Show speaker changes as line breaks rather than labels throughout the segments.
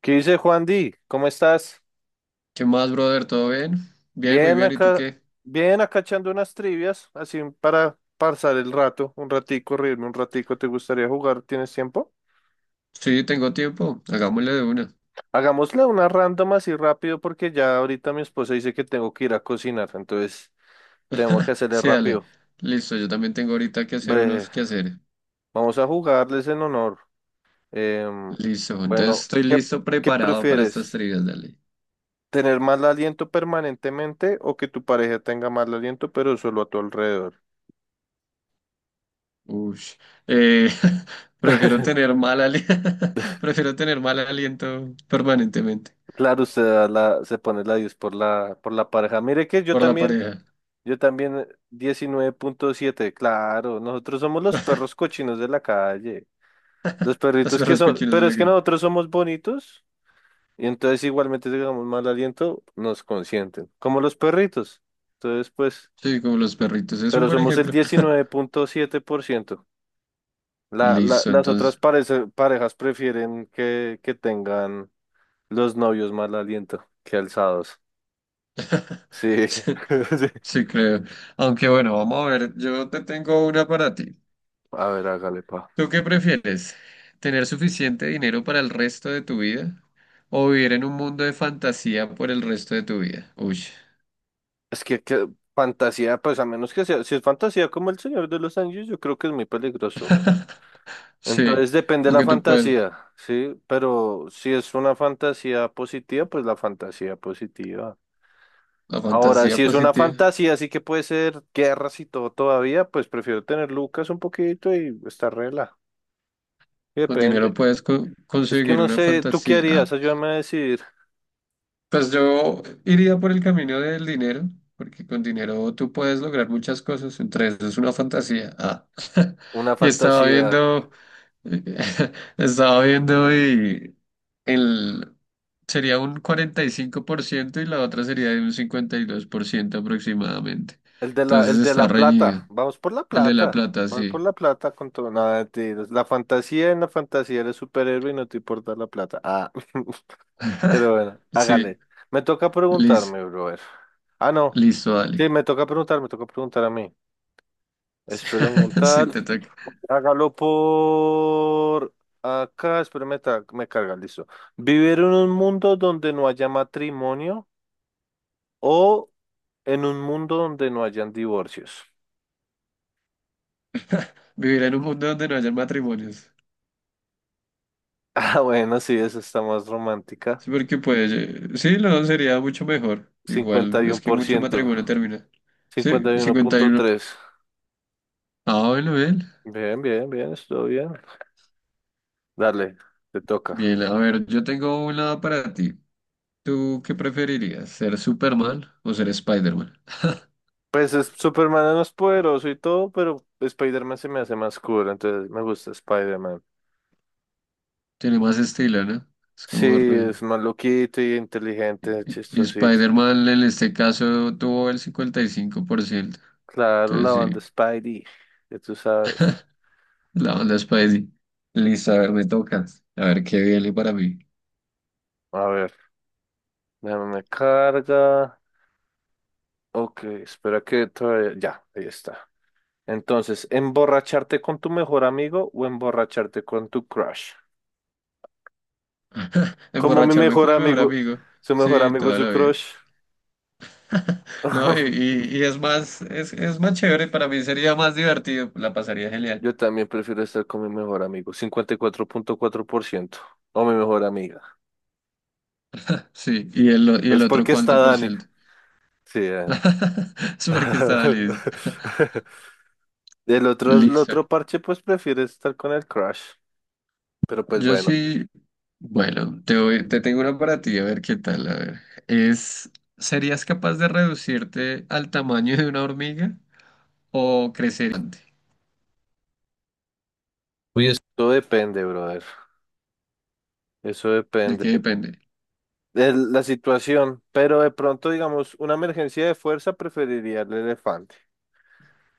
¿Qué dice Juan Di? ¿Cómo estás?
¿Qué más, brother? ¿Todo bien? Bien, muy
Bien
bien. ¿Y tú
acá,
qué?
bien acá echando unas trivias, así para pasar el rato, un ratico, reírme un ratico. ¿Te gustaría jugar? ¿Tienes tiempo?
Sí, tengo tiempo. Hagámosle de una.
Hagámosle una random así rápido porque ya ahorita mi esposa dice que tengo que ir a cocinar, entonces tengo que hacerle
Sí, dale.
rápido.
Listo, yo también tengo ahorita que hacer
Bre-
unos quehaceres.
Vamos a jugarles en honor. Em,
Listo, entonces
bueno,
estoy listo,
¿qué
preparado para estas
prefieres?
trivias, dale.
¿Tener mal aliento permanentemente o que tu pareja tenga mal aliento pero solo a tu alrededor?
Ush. Eh, prefiero tener prefiero tener mal aliento permanentemente
Claro, usted da se pone la 10 por por la pareja. Mire que
por la pareja.
yo también 19,7. Claro, nosotros somos los perros cochinos de la calle, los
Las
perritos que
perras
son,
cochinas de
pero
la
es que
calle.
nosotros somos bonitos y entonces igualmente si digamos mal aliento, nos consienten, como los perritos. Entonces, pues,
Sí, como los perritos, es un
pero
buen
somos el
ejemplo.
19,7%.
Listo,
Las otras
entonces.
parejas prefieren que tengan los novios mal aliento que alzados. Sí.
Sí, creo. Aunque bueno, vamos a ver, yo te tengo una para ti.
A ver, hágale, pa.
¿Tú qué prefieres? ¿Tener suficiente dinero para el resto de tu vida o vivir en un mundo de fantasía por el resto de tu vida? Uy,
Es que fantasía, pues a menos que sea, si es fantasía como El Señor de los Anillos, yo creo que es muy peligroso, güey.
sí,
Entonces depende de la
aunque tú puedes,
fantasía, ¿sí? Pero si es una fantasía positiva, pues la fantasía positiva.
la
Ahora,
fantasía
si es una
positiva.
fantasía, así que puede ser guerras y todo todavía, pues prefiero tener Lucas un poquito y estar rela.
Con
Depende.
dinero puedes
Es que
conseguir
no
una
sé, ¿tú qué
fantasía. Ah.
harías? Ayúdame a decidir
Pues yo iría por el camino del dinero, porque con dinero tú puedes lograr muchas cosas, entre eso es una fantasía. Ah.
una
Y estaba
fantasía.
viendo, estaba viendo el, sería un 45% y la otra sería de un 52% aproximadamente.
El de
Entonces
el de
está
la
reñido.
plata. Vamos por la
El de la
plata.
plata,
Vamos por
sí.
la plata con todo. Nada, mentiras. La fantasía en la fantasía eres superhéroe y no te importa la plata. Ah, pero bueno,
Sí,
hágale. Me toca
lis-
preguntarme, brother. Ah, no.
listo, dale.
Sí, me toca preguntar a mí. Espero
Sí,
preguntar.
te toca.
Hágalo por acá. Espérame, me carga, listo. ¿Vivir en un mundo donde no haya matrimonio o en un mundo donde no hayan divorcios?
Vivir en un mundo donde no haya matrimonios.
Ah, bueno, sí, esa está más romántica.
Sí, porque pues, sí, no, sería mucho mejor.
Cincuenta
Igual,
cincuenta y
es que
por
mucho
ciento,
matrimonio termina. Sí,
cincuenta y uno
cincuenta y
punto
uno
tres.
Ah, bueno, bien.
Bien, bien, bien, estuvo bien. Dale, te toca.
Bien, a ver, yo tengo una para ti. ¿Tú qué preferirías? ¿Ser Superman o ser Spider-Man?
Pues es, Superman no es poderoso y todo, pero Spider-Man se me hace más cool, entonces me gusta Spider-Man.
Tiene más estilo, ¿no? Es
Sí,
como...
es más loquito y inteligente,
Y
chistosito.
Spider-Man en este caso tuvo el 55%.
Claro, la
Entonces
banda
sí,
Spidey, ya tú sabes.
la onda Spidey. Listo, a ver, me toca. A ver, qué viene para mí.
A ver, déjame me carga. Ok, espera que todavía... Ya, ahí está. Entonces, ¿emborracharte con tu mejor amigo o emborracharte con tu crush? Como mi
Emborracharme
mejor
con mi mejor
amigo,
amigo.
su mejor
Sí,
amigo es
toda
su
la
crush.
vida. No, y, y- y es más, es más chévere, para mí sería más divertido, la pasaría genial.
Yo también prefiero estar con mi mejor amigo, cincuenta y cuatro punto cuatro por ciento o mi mejor amiga.
Sí, y y el
Es
otro
porque está
cuánto por
Dani.
ciento.
Sí.
Es porque estaba listo.
El
Listo.
otro parche, pues prefiere estar con el crush. Pero pues
Yo
bueno,
sí, bueno, te tengo una para ti, a ver qué tal, a ver. Es, ¿serías capaz de reducirte al tamaño de una hormiga o crecer gigante?
uy, depende, brother. Eso
¿De
depende.
qué depende?
La situación, pero de pronto, digamos, una emergencia de fuerza preferiría el elefante.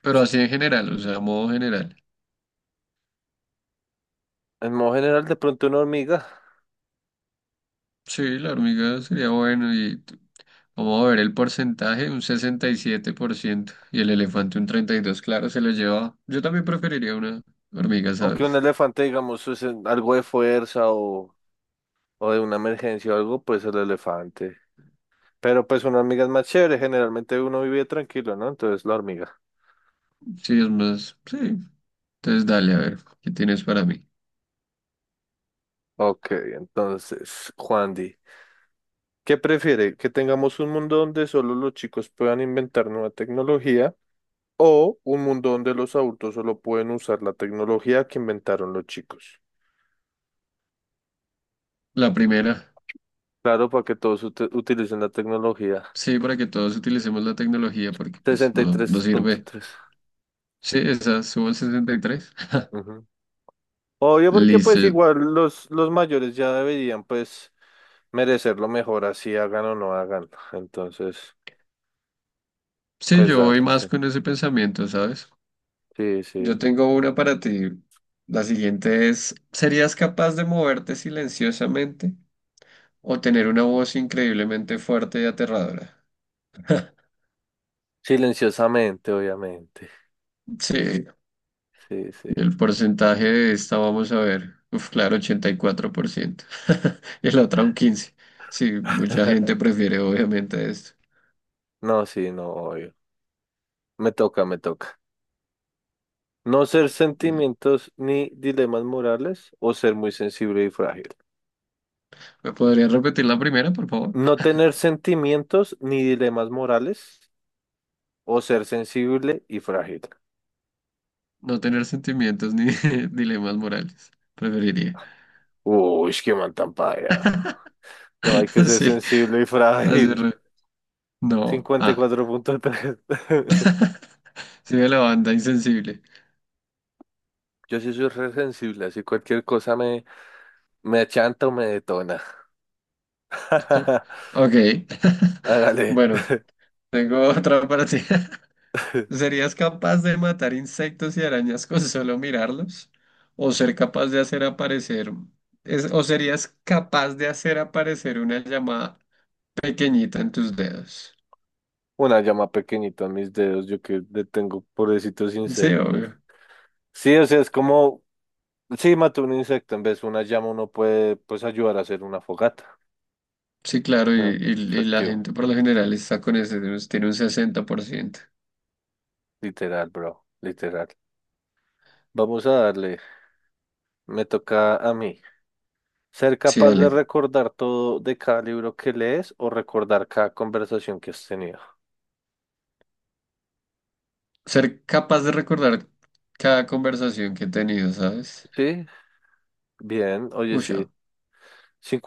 Pero así en general, o sea, a modo general.
En modo general, de pronto una hormiga,
Sí, la hormiga sería bueno. y Vamos a ver el porcentaje, un 67%. Y siete por ciento y el elefante un 32%. Claro, se lo lleva. Yo también preferiría una hormiga,
aunque un
¿sabes?
elefante, digamos, algo de fuerza o de una emergencia o algo, pues el elefante. Pero pues una hormiga es más chévere, generalmente uno vive tranquilo, ¿no? Entonces la hormiga.
Sí, es más. Sí. Entonces dale, a ver, ¿qué tienes para mí?
Ok, entonces, Juan Di, ¿qué prefiere? ¿Que tengamos un mundo donde solo los chicos puedan inventar nueva tecnología o un mundo donde los adultos solo pueden usar la tecnología que inventaron los chicos?
La primera.
Claro, para que todos utilicen la tecnología.
Sí, para que todos utilicemos la tecnología, porque pues no, no sirve.
63.3.
Sí, esa, subo al 63.
Ujú. Obvio, porque pues
Listo.
igual los mayores ya deberían pues merecer lo mejor, así hagan o no hagan. Entonces,
Sí,
pues
yo voy
darle, sí.
más con ese pensamiento, ¿sabes?
Sí,
Yo
sí.
tengo una para ti. La siguiente es, ¿serías capaz de moverte silenciosamente? ¿O tener una voz increíblemente fuerte y aterradora?
Silenciosamente, obviamente.
Sí,
Sí, sí.
y el porcentaje de esta, vamos a ver. Uf, claro, 84%, y la otra un 15%. Sí, mucha gente prefiere obviamente esto.
No, sí, no, obvio. Me toca, me toca. No ser sentimientos ni dilemas morales o ser muy sensible y frágil.
¿Me podrías repetir la primera, por favor?
No tener sentimientos ni dilemas morales o ser sensible y frágil.
No tener sentimientos ni dilemas morales. Preferiría.
Uy, qué mal tan paila. No, hay que ser
Sí,
sensible y
así
frágil.
no,
cincuenta y
ah.
cuatro punto tres.
Sí, de la banda insensible.
Yo sí soy re sensible, así cualquier cosa me, me achanta o me detona.
Ok.
Hágale.
Bueno, tengo otra para ti. ¿Serías capaz de matar insectos y arañas con solo mirarlos? ¿O ser capaz de hacer o serías capaz de hacer aparecer una llamada pequeñita en tus dedos?
Una llama pequeñita en mis dedos, yo que le tengo pobrecitos
Sí,
insectos.
obvio.
Sí, o sea, es como, sí, mató un insecto, en vez de una llama uno puede, pues, ayudar a hacer una fogata.
Sí, claro,
No, no es
y la
efectivo.
gente por lo general está con ese, tiene un 60%.
Literal, bro, literal. Vamos a darle. Me toca a mí. Ser
Sí,
capaz de
dale.
recordar todo de cada libro que lees o recordar cada conversación que has tenido.
Ser capaz de recordar cada conversación que he tenido, ¿sabes?
Sí, bien, oye,
Uy,
sí.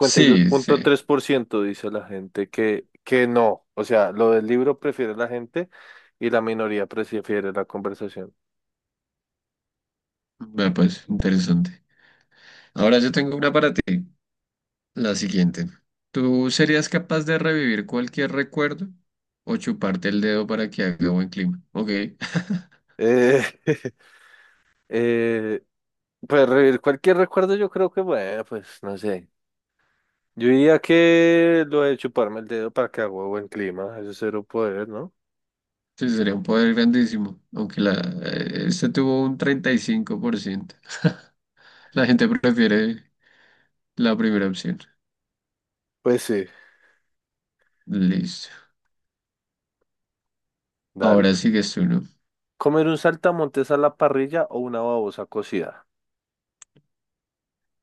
sí, sí.
dice la gente que no. O sea, lo del libro prefiere la gente y la minoría prefiere la conversación.
Bueno, pues interesante. Ahora yo tengo una para ti. La siguiente. ¿Tú serías capaz de revivir cualquier recuerdo o chuparte el dedo para que haga buen clima? Ok,
Eh, eh, pues revivir cualquier recuerdo, yo creo que, bueno, pues no sé. Yo diría que lo de chuparme el dedo para que haga buen clima, eso es cero poder, ¿no?
sí, sería un poder grandísimo, aunque este tuvo un 35%. La gente prefiere la primera opción.
Pues sí.
Listo.
Dale.
Ahora sigues tú, ¿no?
¿Comer un saltamontes a la parrilla o una babosa cocida?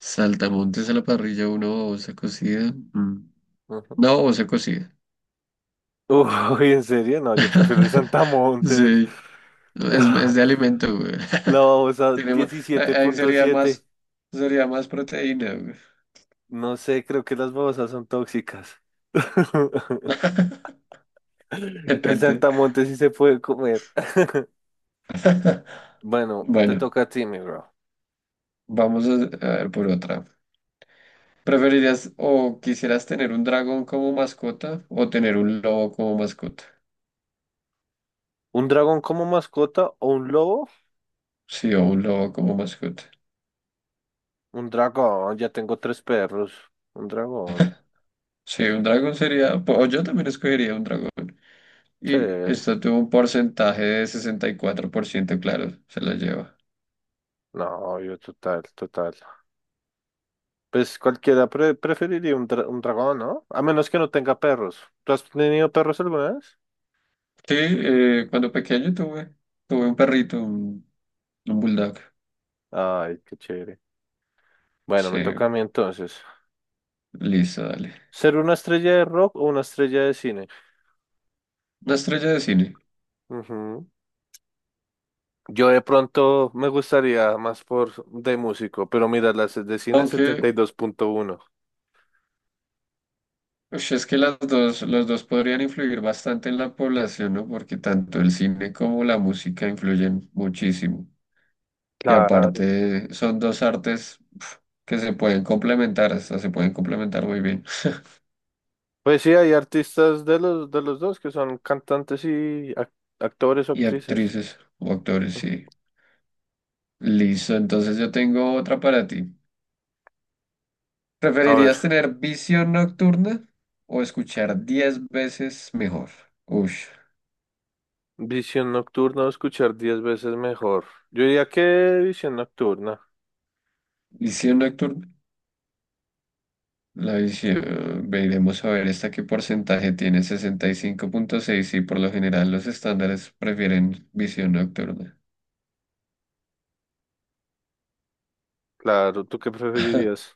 Saltamontes a la parrilla, una babosa cocida. Mm.
Ujú.
Una babosa cocida.
Uy, ¿en serio? No, yo prefiero el saltamontes.
Sí, es de alimento, güey.
La babosa
Tiene ma- ahí
diecisiete
ahí
punto siete.
sería más proteína, güey.
No sé, creo que las babosas son tóxicas. El
Depende.
saltamontes sí se puede comer. Bueno, te
Bueno,
toca a ti, mi bro.
vamos a ver por otra. ¿Preferirías o quisieras tener un dragón como mascota o tener un lobo como mascota?
¿Un dragón como mascota o un lobo?
Sí, o un lobo como mascota.
Un dragón, ya tengo tres perros. Un dragón.
Sí, un dragón sería, o yo también escogería un dragón.
Sí.
Y esto tuvo un porcentaje de 64%, claro, se la lleva.
No, yo total, total. Pues cualquiera preferiría un dragón, ¿no? A menos que no tenga perros. ¿Tú has tenido perros alguna vez?
Sí, cuando pequeño tuve un perrito, un bulldog.
Ay, qué chévere. Bueno,
Sí,
me toca a mí entonces.
listo, dale.
¿Ser una estrella de rock o una estrella de cine?
Una estrella de cine.
Ujú. Yo de pronto me gustaría más por de músico, pero mira, las de cine setenta y
Aunque
dos punto uno.
ush, es que los dos podrían influir bastante en la población, ¿no? Porque tanto el cine como la música influyen muchísimo. Y
Claro.
aparte son dos artes pf, que se pueden complementar, hasta se pueden complementar muy bien.
Pues sí, hay artistas de de los dos que son cantantes y actores o
Y
actrices.
actrices o actores, sí. Listo, entonces yo tengo otra para ti.
A ver.
¿Preferirías tener visión nocturna o escuchar 10 veces mejor? Ush,
Visión nocturna o escuchar diez veces mejor. Yo diría que visión nocturna.
visión nocturna. La visión, veremos a ver esta qué porcentaje tiene, 65.6 y cinco punto seis, y por lo general los estándares prefieren visión nocturna.
Claro, ¿tú qué preferirías?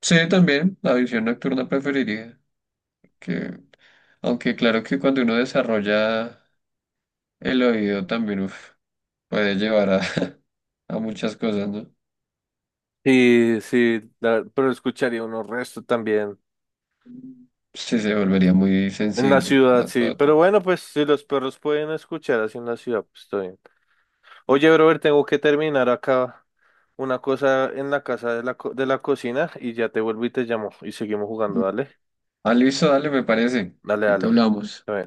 Sí, también la visión nocturna preferiría, que aunque claro que cuando uno desarrolla el oído también uf, puede llevar a, a muchas cosas, ¿no?
Sí, sí, pero escucharía unos resto también.
Sí, se volvería muy
En la
sensible
ciudad,
a
sí.
todo
Pero
tipo.
bueno, pues si los perros pueden escuchar así en la ciudad, pues estoy bien. Oye, Robert, tengo que terminar acá una cosa en la casa de de la cocina y ya te vuelvo y te llamo y seguimos jugando,
Mm.
dale.
Ah, listo, dale, me parece.
Dale, dale.
Ahorita hablamos.
Está bien.